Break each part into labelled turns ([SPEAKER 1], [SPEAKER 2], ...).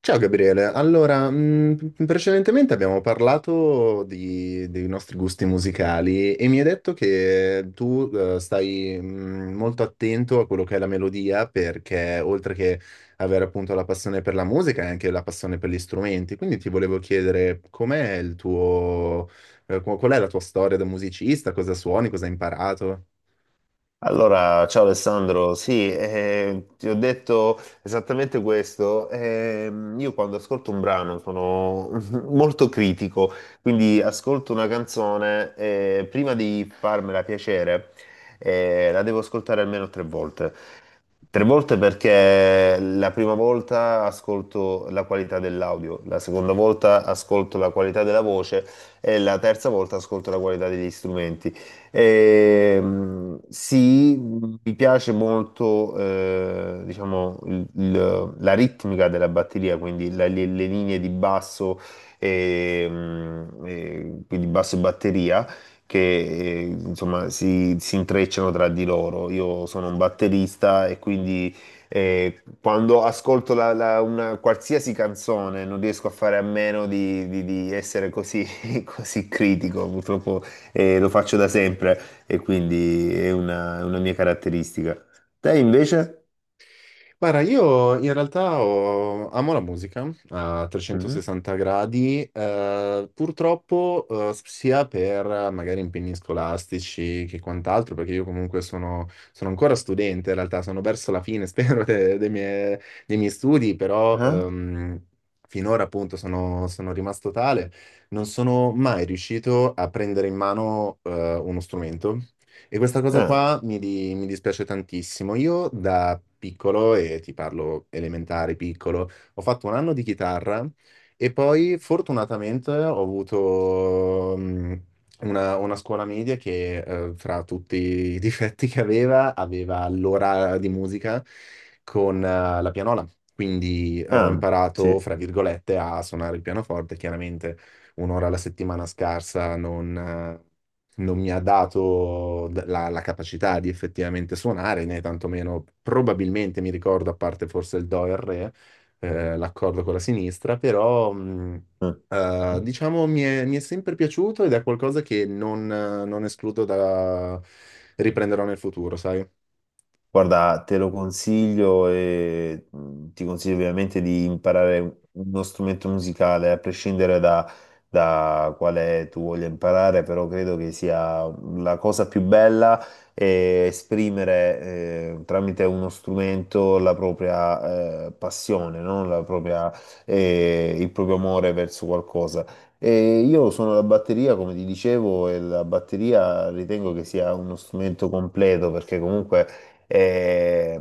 [SPEAKER 1] Ciao Gabriele, allora, precedentemente abbiamo parlato dei nostri gusti musicali e mi hai detto che tu stai molto attento a quello che è la melodia perché oltre che avere appunto la passione per la musica hai anche la passione per gli strumenti, quindi ti volevo chiedere com'è il tuo, qual è la tua storia da musicista, cosa suoni, cosa hai imparato?
[SPEAKER 2] Allora, ciao Alessandro, sì, ti ho detto esattamente questo. Io quando ascolto un brano sono molto critico, quindi ascolto una canzone e prima di farmela piacere, la devo ascoltare almeno tre volte. Tre volte perché la prima volta ascolto la qualità dell'audio, la seconda volta ascolto la qualità della voce e la terza volta ascolto la qualità degli strumenti. Sì, mi piace molto, diciamo, la ritmica della batteria, quindi le linee di basso, e quindi basso e batteria che insomma si intrecciano tra di loro. Io sono un batterista e quindi quando ascolto una qualsiasi canzone non riesco a fare a meno di essere così, così critico. Purtroppo lo faccio da sempre e quindi è una mia caratteristica. Te invece?
[SPEAKER 1] Guarda, io in realtà amo la musica a
[SPEAKER 2] Mhm.
[SPEAKER 1] 360 gradi, purtroppo sia per magari impegni scolastici che quant'altro, perché io comunque sono ancora studente, in realtà sono verso la fine, spero, dei miei studi, però
[SPEAKER 2] Ah?
[SPEAKER 1] finora appunto sono rimasto tale, non sono mai riuscito a prendere in mano uno strumento e questa cosa
[SPEAKER 2] Ah,
[SPEAKER 1] qua mi dispiace tantissimo. Io da piccolo, e ti parlo elementare, piccolo, ho fatto un anno di chitarra e poi fortunatamente ho avuto una scuola media che, fra tutti i difetti che aveva, aveva l'ora di musica con, la pianola. Quindi ho
[SPEAKER 2] ah, sì.
[SPEAKER 1] imparato, fra virgolette, a suonare il pianoforte, chiaramente un'ora alla settimana scarsa, eh, non mi ha dato la capacità di effettivamente suonare, né tantomeno probabilmente mi ricordo, a parte forse il Do e il Re, l'accordo con la sinistra, però
[SPEAKER 2] Mm.
[SPEAKER 1] diciamo mi è sempre piaciuto ed è qualcosa che non escludo da riprenderò nel futuro, sai?
[SPEAKER 2] Guarda, te lo consiglio e ti consiglio ovviamente di imparare uno strumento musicale, a prescindere da, da quale tu voglia imparare, però credo che sia la cosa più bella è esprimere tramite uno strumento la propria passione, no? La propria, il proprio amore verso qualcosa. E io sono la batteria, come ti dicevo, e la batteria ritengo che sia uno strumento completo perché comunque eh,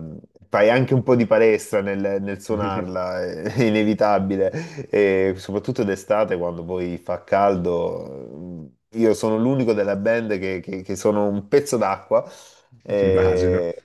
[SPEAKER 2] fai anche un po' di palestra nel suonarla, è inevitabile, e soprattutto d'estate quando poi fa caldo. Io sono l'unico della band che, che sono un pezzo d'acqua.
[SPEAKER 1] Immagino.
[SPEAKER 2] eh,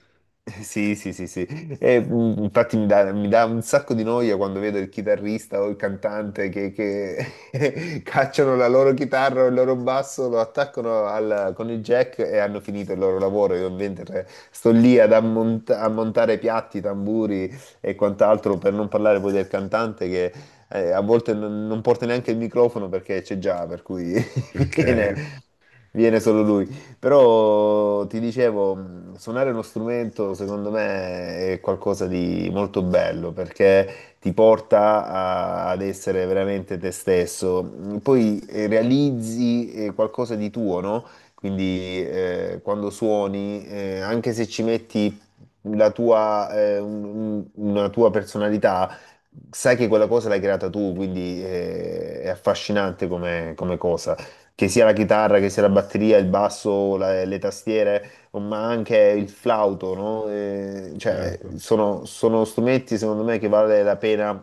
[SPEAKER 2] sì, sì, sì, sì. E, infatti mi dà un sacco di noia quando vedo il chitarrista o il cantante che cacciano la loro chitarra o il loro basso, lo attaccano con il jack e hanno finito il loro lavoro. Io mentre sto lì a montare piatti, tamburi e quant'altro, per non parlare poi del cantante che a volte non porta neanche il microfono perché c'è già, per cui
[SPEAKER 1] Ok,
[SPEAKER 2] viene, viene solo lui. Però ti dicevo, suonare uno strumento secondo me è qualcosa di molto bello perché ti porta ad essere veramente te stesso. Poi realizzi qualcosa di tuo, no? Quindi quando suoni, anche se ci metti la tua, una tua personalità, sai che quella cosa l'hai creata tu, quindi è affascinante come cosa. Che sia la chitarra, che sia la batteria, il basso, le tastiere ma anche il flauto, no? Cioè,
[SPEAKER 1] certo.
[SPEAKER 2] sono strumenti secondo me che vale la pena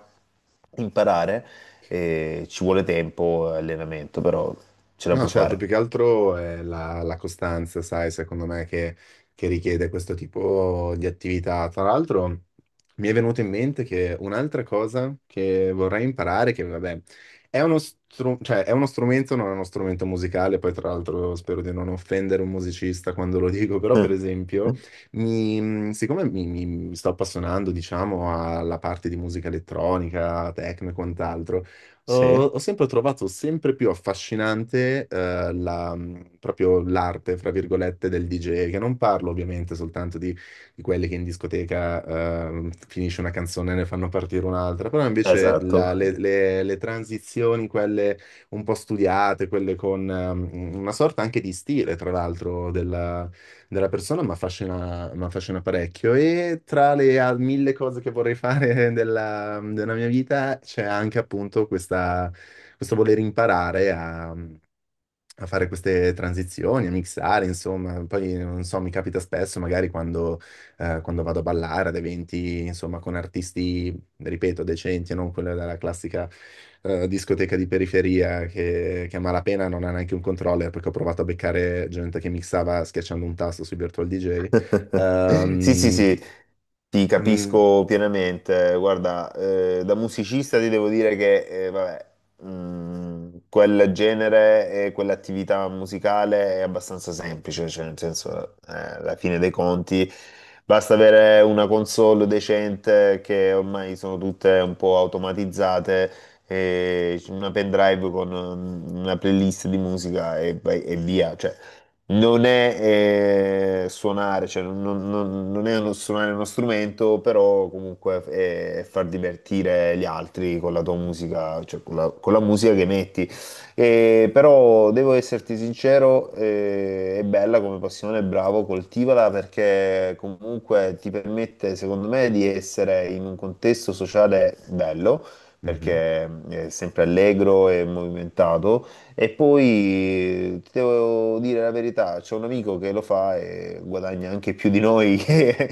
[SPEAKER 2] imparare. Ci vuole tempo e allenamento, però ce la
[SPEAKER 1] No,
[SPEAKER 2] puoi
[SPEAKER 1] certo,
[SPEAKER 2] fare.
[SPEAKER 1] più che altro è la costanza, sai, secondo me che richiede questo tipo di attività. Tra l'altro, mi è venuto in mente che un'altra cosa che vorrei imparare, che vabbè, cioè, è uno strumento, non è uno strumento musicale, poi tra l'altro spero di non offendere un musicista quando lo dico, però per esempio, siccome mi sto appassionando, diciamo, alla parte di musica elettronica, techno e quant'altro,
[SPEAKER 2] Sì,
[SPEAKER 1] ho sempre trovato sempre più affascinante, proprio l'arte, fra virgolette, del DJ, che non parlo ovviamente soltanto di quelli che in discoteca, finisce una canzone e ne fanno partire un'altra, però invece
[SPEAKER 2] esatto.
[SPEAKER 1] le transizioni, quelle un po' studiate, quelle con, una sorta anche di stile, tra l'altro, della persona, mi affascina parecchio. E tra le mille cose che vorrei fare della mia vita c'è anche appunto questo voler imparare a fare queste transizioni, a mixare, insomma, poi non so, mi capita spesso magari quando vado a ballare ad eventi, insomma, con artisti, ripeto, decenti e non quella della classica discoteca di periferia che a malapena non ha neanche un controller perché ho provato a beccare gente che mixava schiacciando un tasto sui Virtual DJ.
[SPEAKER 2] Sì, sì,
[SPEAKER 1] Ehm,
[SPEAKER 2] sì, ti
[SPEAKER 1] mm,
[SPEAKER 2] capisco pienamente. Guarda, da musicista ti devo dire che, vabbè, quel genere e quell'attività musicale è abbastanza semplice, cioè nel senso, alla fine dei conti, basta avere una console decente che ormai sono tutte un po' automatizzate, e una pendrive con una playlist di musica e, e via, cioè non è suonare, cioè non è suonare uno strumento, però comunque è far divertire gli altri con la tua musica, cioè con la musica che metti. E, però devo esserti sincero, è bella come passione, bravo, coltivala perché comunque ti permette, secondo me, di essere in un contesto sociale bello,
[SPEAKER 1] mhm.
[SPEAKER 2] perché è sempre allegro e movimentato e poi ti devo dire la verità, c'è un amico che lo fa e guadagna anche più di noi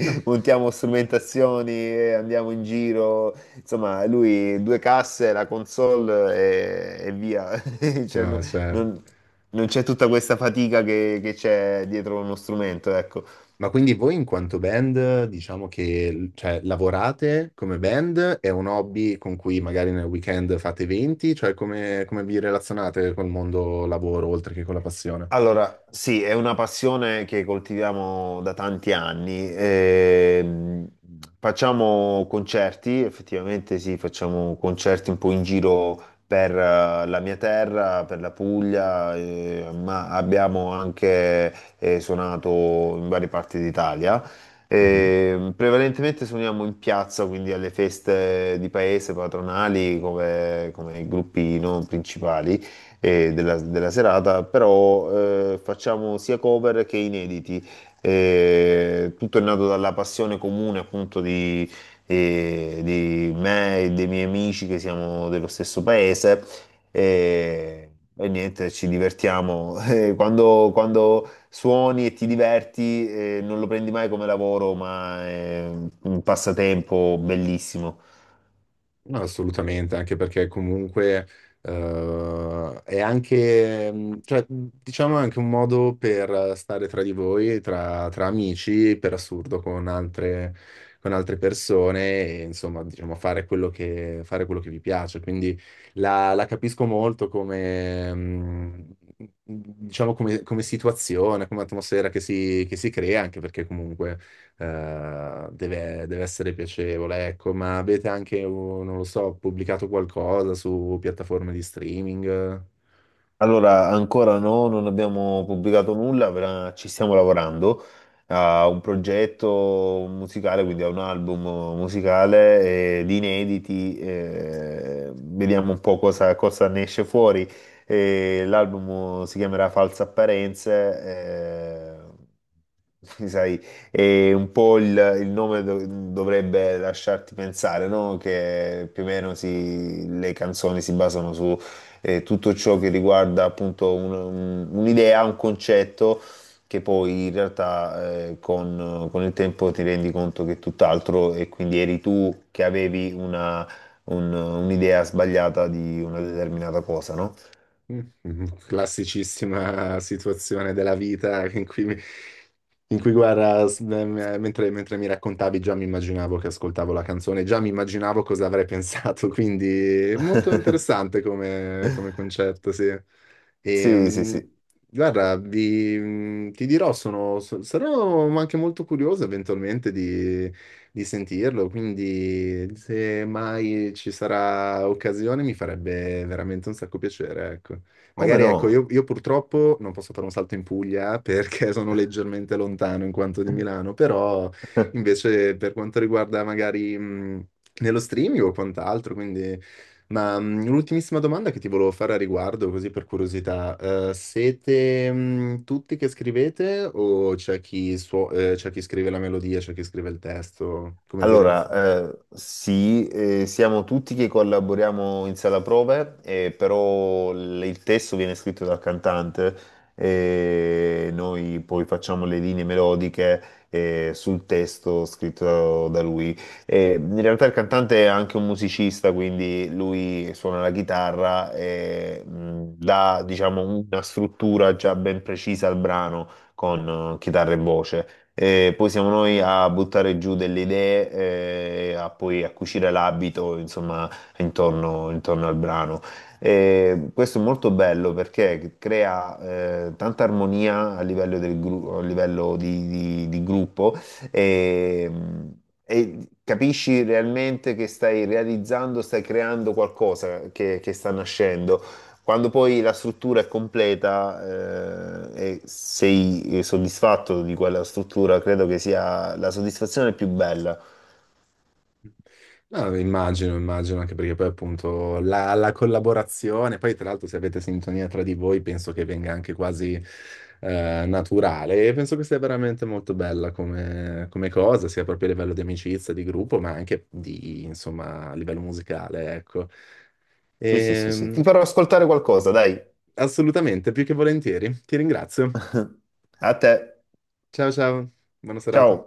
[SPEAKER 1] No,
[SPEAKER 2] montiamo strumentazioni e andiamo in giro. Insomma, lui due casse, la console e via. Cioè,
[SPEAKER 1] no, certo.
[SPEAKER 2] non, non c'è tutta questa fatica che c'è dietro uno strumento, ecco.
[SPEAKER 1] Ma quindi voi in quanto band, diciamo che cioè, lavorate come band, è un hobby con cui magari nel weekend fate eventi, cioè come vi relazionate col mondo lavoro oltre che con la passione?
[SPEAKER 2] Allora, sì, è una passione che coltiviamo da tanti anni. Facciamo concerti, effettivamente sì, facciamo concerti un po' in giro per la mia terra, per la Puglia, ma abbiamo anche suonato in varie parti d'Italia. Prevalentemente suoniamo in piazza, quindi alle feste di paese patronali come, come gruppi non principali della, della serata, però facciamo sia cover che inediti. Tutto è nato dalla passione comune appunto di me e dei miei amici che siamo dello stesso paese. E, e niente, ci divertiamo. Quando, quando suoni e ti diverti, non lo prendi mai come lavoro, ma è un passatempo bellissimo.
[SPEAKER 1] No, assolutamente, anche perché comunque è anche, cioè, diciamo, è anche un modo per stare tra di voi, tra amici, per assurdo, con altre persone e, insomma, diciamo, fare quello che vi piace. Quindi la capisco molto come, diciamo, come situazione, come atmosfera che si crea, anche perché comunque deve essere piacevole, ecco, ma avete anche, oh, non lo so, pubblicato qualcosa su piattaforme di streaming?
[SPEAKER 2] Allora, ancora no, non abbiamo pubblicato nulla, però ci stiamo lavorando a un progetto musicale, quindi a un album musicale di inediti. Vediamo un po' cosa, cosa ne esce fuori. L'album si chiamerà False Apparenze. Sai, e un po' il nome dovrebbe lasciarti pensare, no? Che più o meno le canzoni si basano su tutto ciò che riguarda appunto un'idea, un concetto che poi in realtà con il tempo ti rendi conto che è tutt'altro e quindi eri tu che avevi un'idea sbagliata di una determinata cosa, no?
[SPEAKER 1] Classicissima situazione della vita in cui, guarda, mentre mi raccontavi già mi immaginavo che ascoltavo la canzone, già mi immaginavo cosa avrei pensato, quindi molto interessante come concetto, sì. E,
[SPEAKER 2] Sì, sì, sì.
[SPEAKER 1] guarda, ti dirò, sarò anche molto curioso eventualmente di sentirlo, quindi se mai ci sarà occasione mi farebbe veramente un sacco piacere, ecco.
[SPEAKER 2] Come
[SPEAKER 1] Magari ecco,
[SPEAKER 2] no?
[SPEAKER 1] io purtroppo non posso fare un salto in Puglia perché sono leggermente lontano in quanto di Milano, però invece per quanto riguarda magari nello streaming o quant'altro. Ma l'ultimissima domanda che ti volevo fare a riguardo, così per curiosità, siete tutti che scrivete o c'è chi scrive la melodia, c'è chi scrive il testo? Come vi relazionate?
[SPEAKER 2] Allora, sì, siamo tutti che collaboriamo in sala prove, però il testo viene scritto dal cantante e noi poi facciamo le linee melodiche sul testo scritto da lui. In realtà il cantante è anche un musicista, quindi lui suona la chitarra e dà, diciamo, una struttura già ben precisa al brano con chitarra e voce. Poi siamo noi a buttare giù delle idee, a poi a cucire l'abito, insomma, intorno al brano. Questo è molto bello perché crea tanta armonia a livello di gruppo e, e capisci realmente che stai realizzando, stai creando qualcosa che sta nascendo. Quando poi la struttura è completa, e sei soddisfatto di quella struttura, credo che sia la soddisfazione più bella.
[SPEAKER 1] No, immagino, immagino, anche perché poi appunto la collaborazione, poi tra l'altro se avete sintonia tra di voi penso che venga anche quasi naturale e penso che sia veramente molto bella come cosa, sia proprio a livello di amicizia, di gruppo, ma anche di, insomma, a livello musicale, ecco.
[SPEAKER 2] Sì, sì, sì, sì. Ti
[SPEAKER 1] Ehm,
[SPEAKER 2] farò ascoltare qualcosa, dai.
[SPEAKER 1] Assolutamente, più che volentieri. Ti ringrazio.
[SPEAKER 2] A te.
[SPEAKER 1] Ciao ciao, buona
[SPEAKER 2] Ciao.
[SPEAKER 1] serata.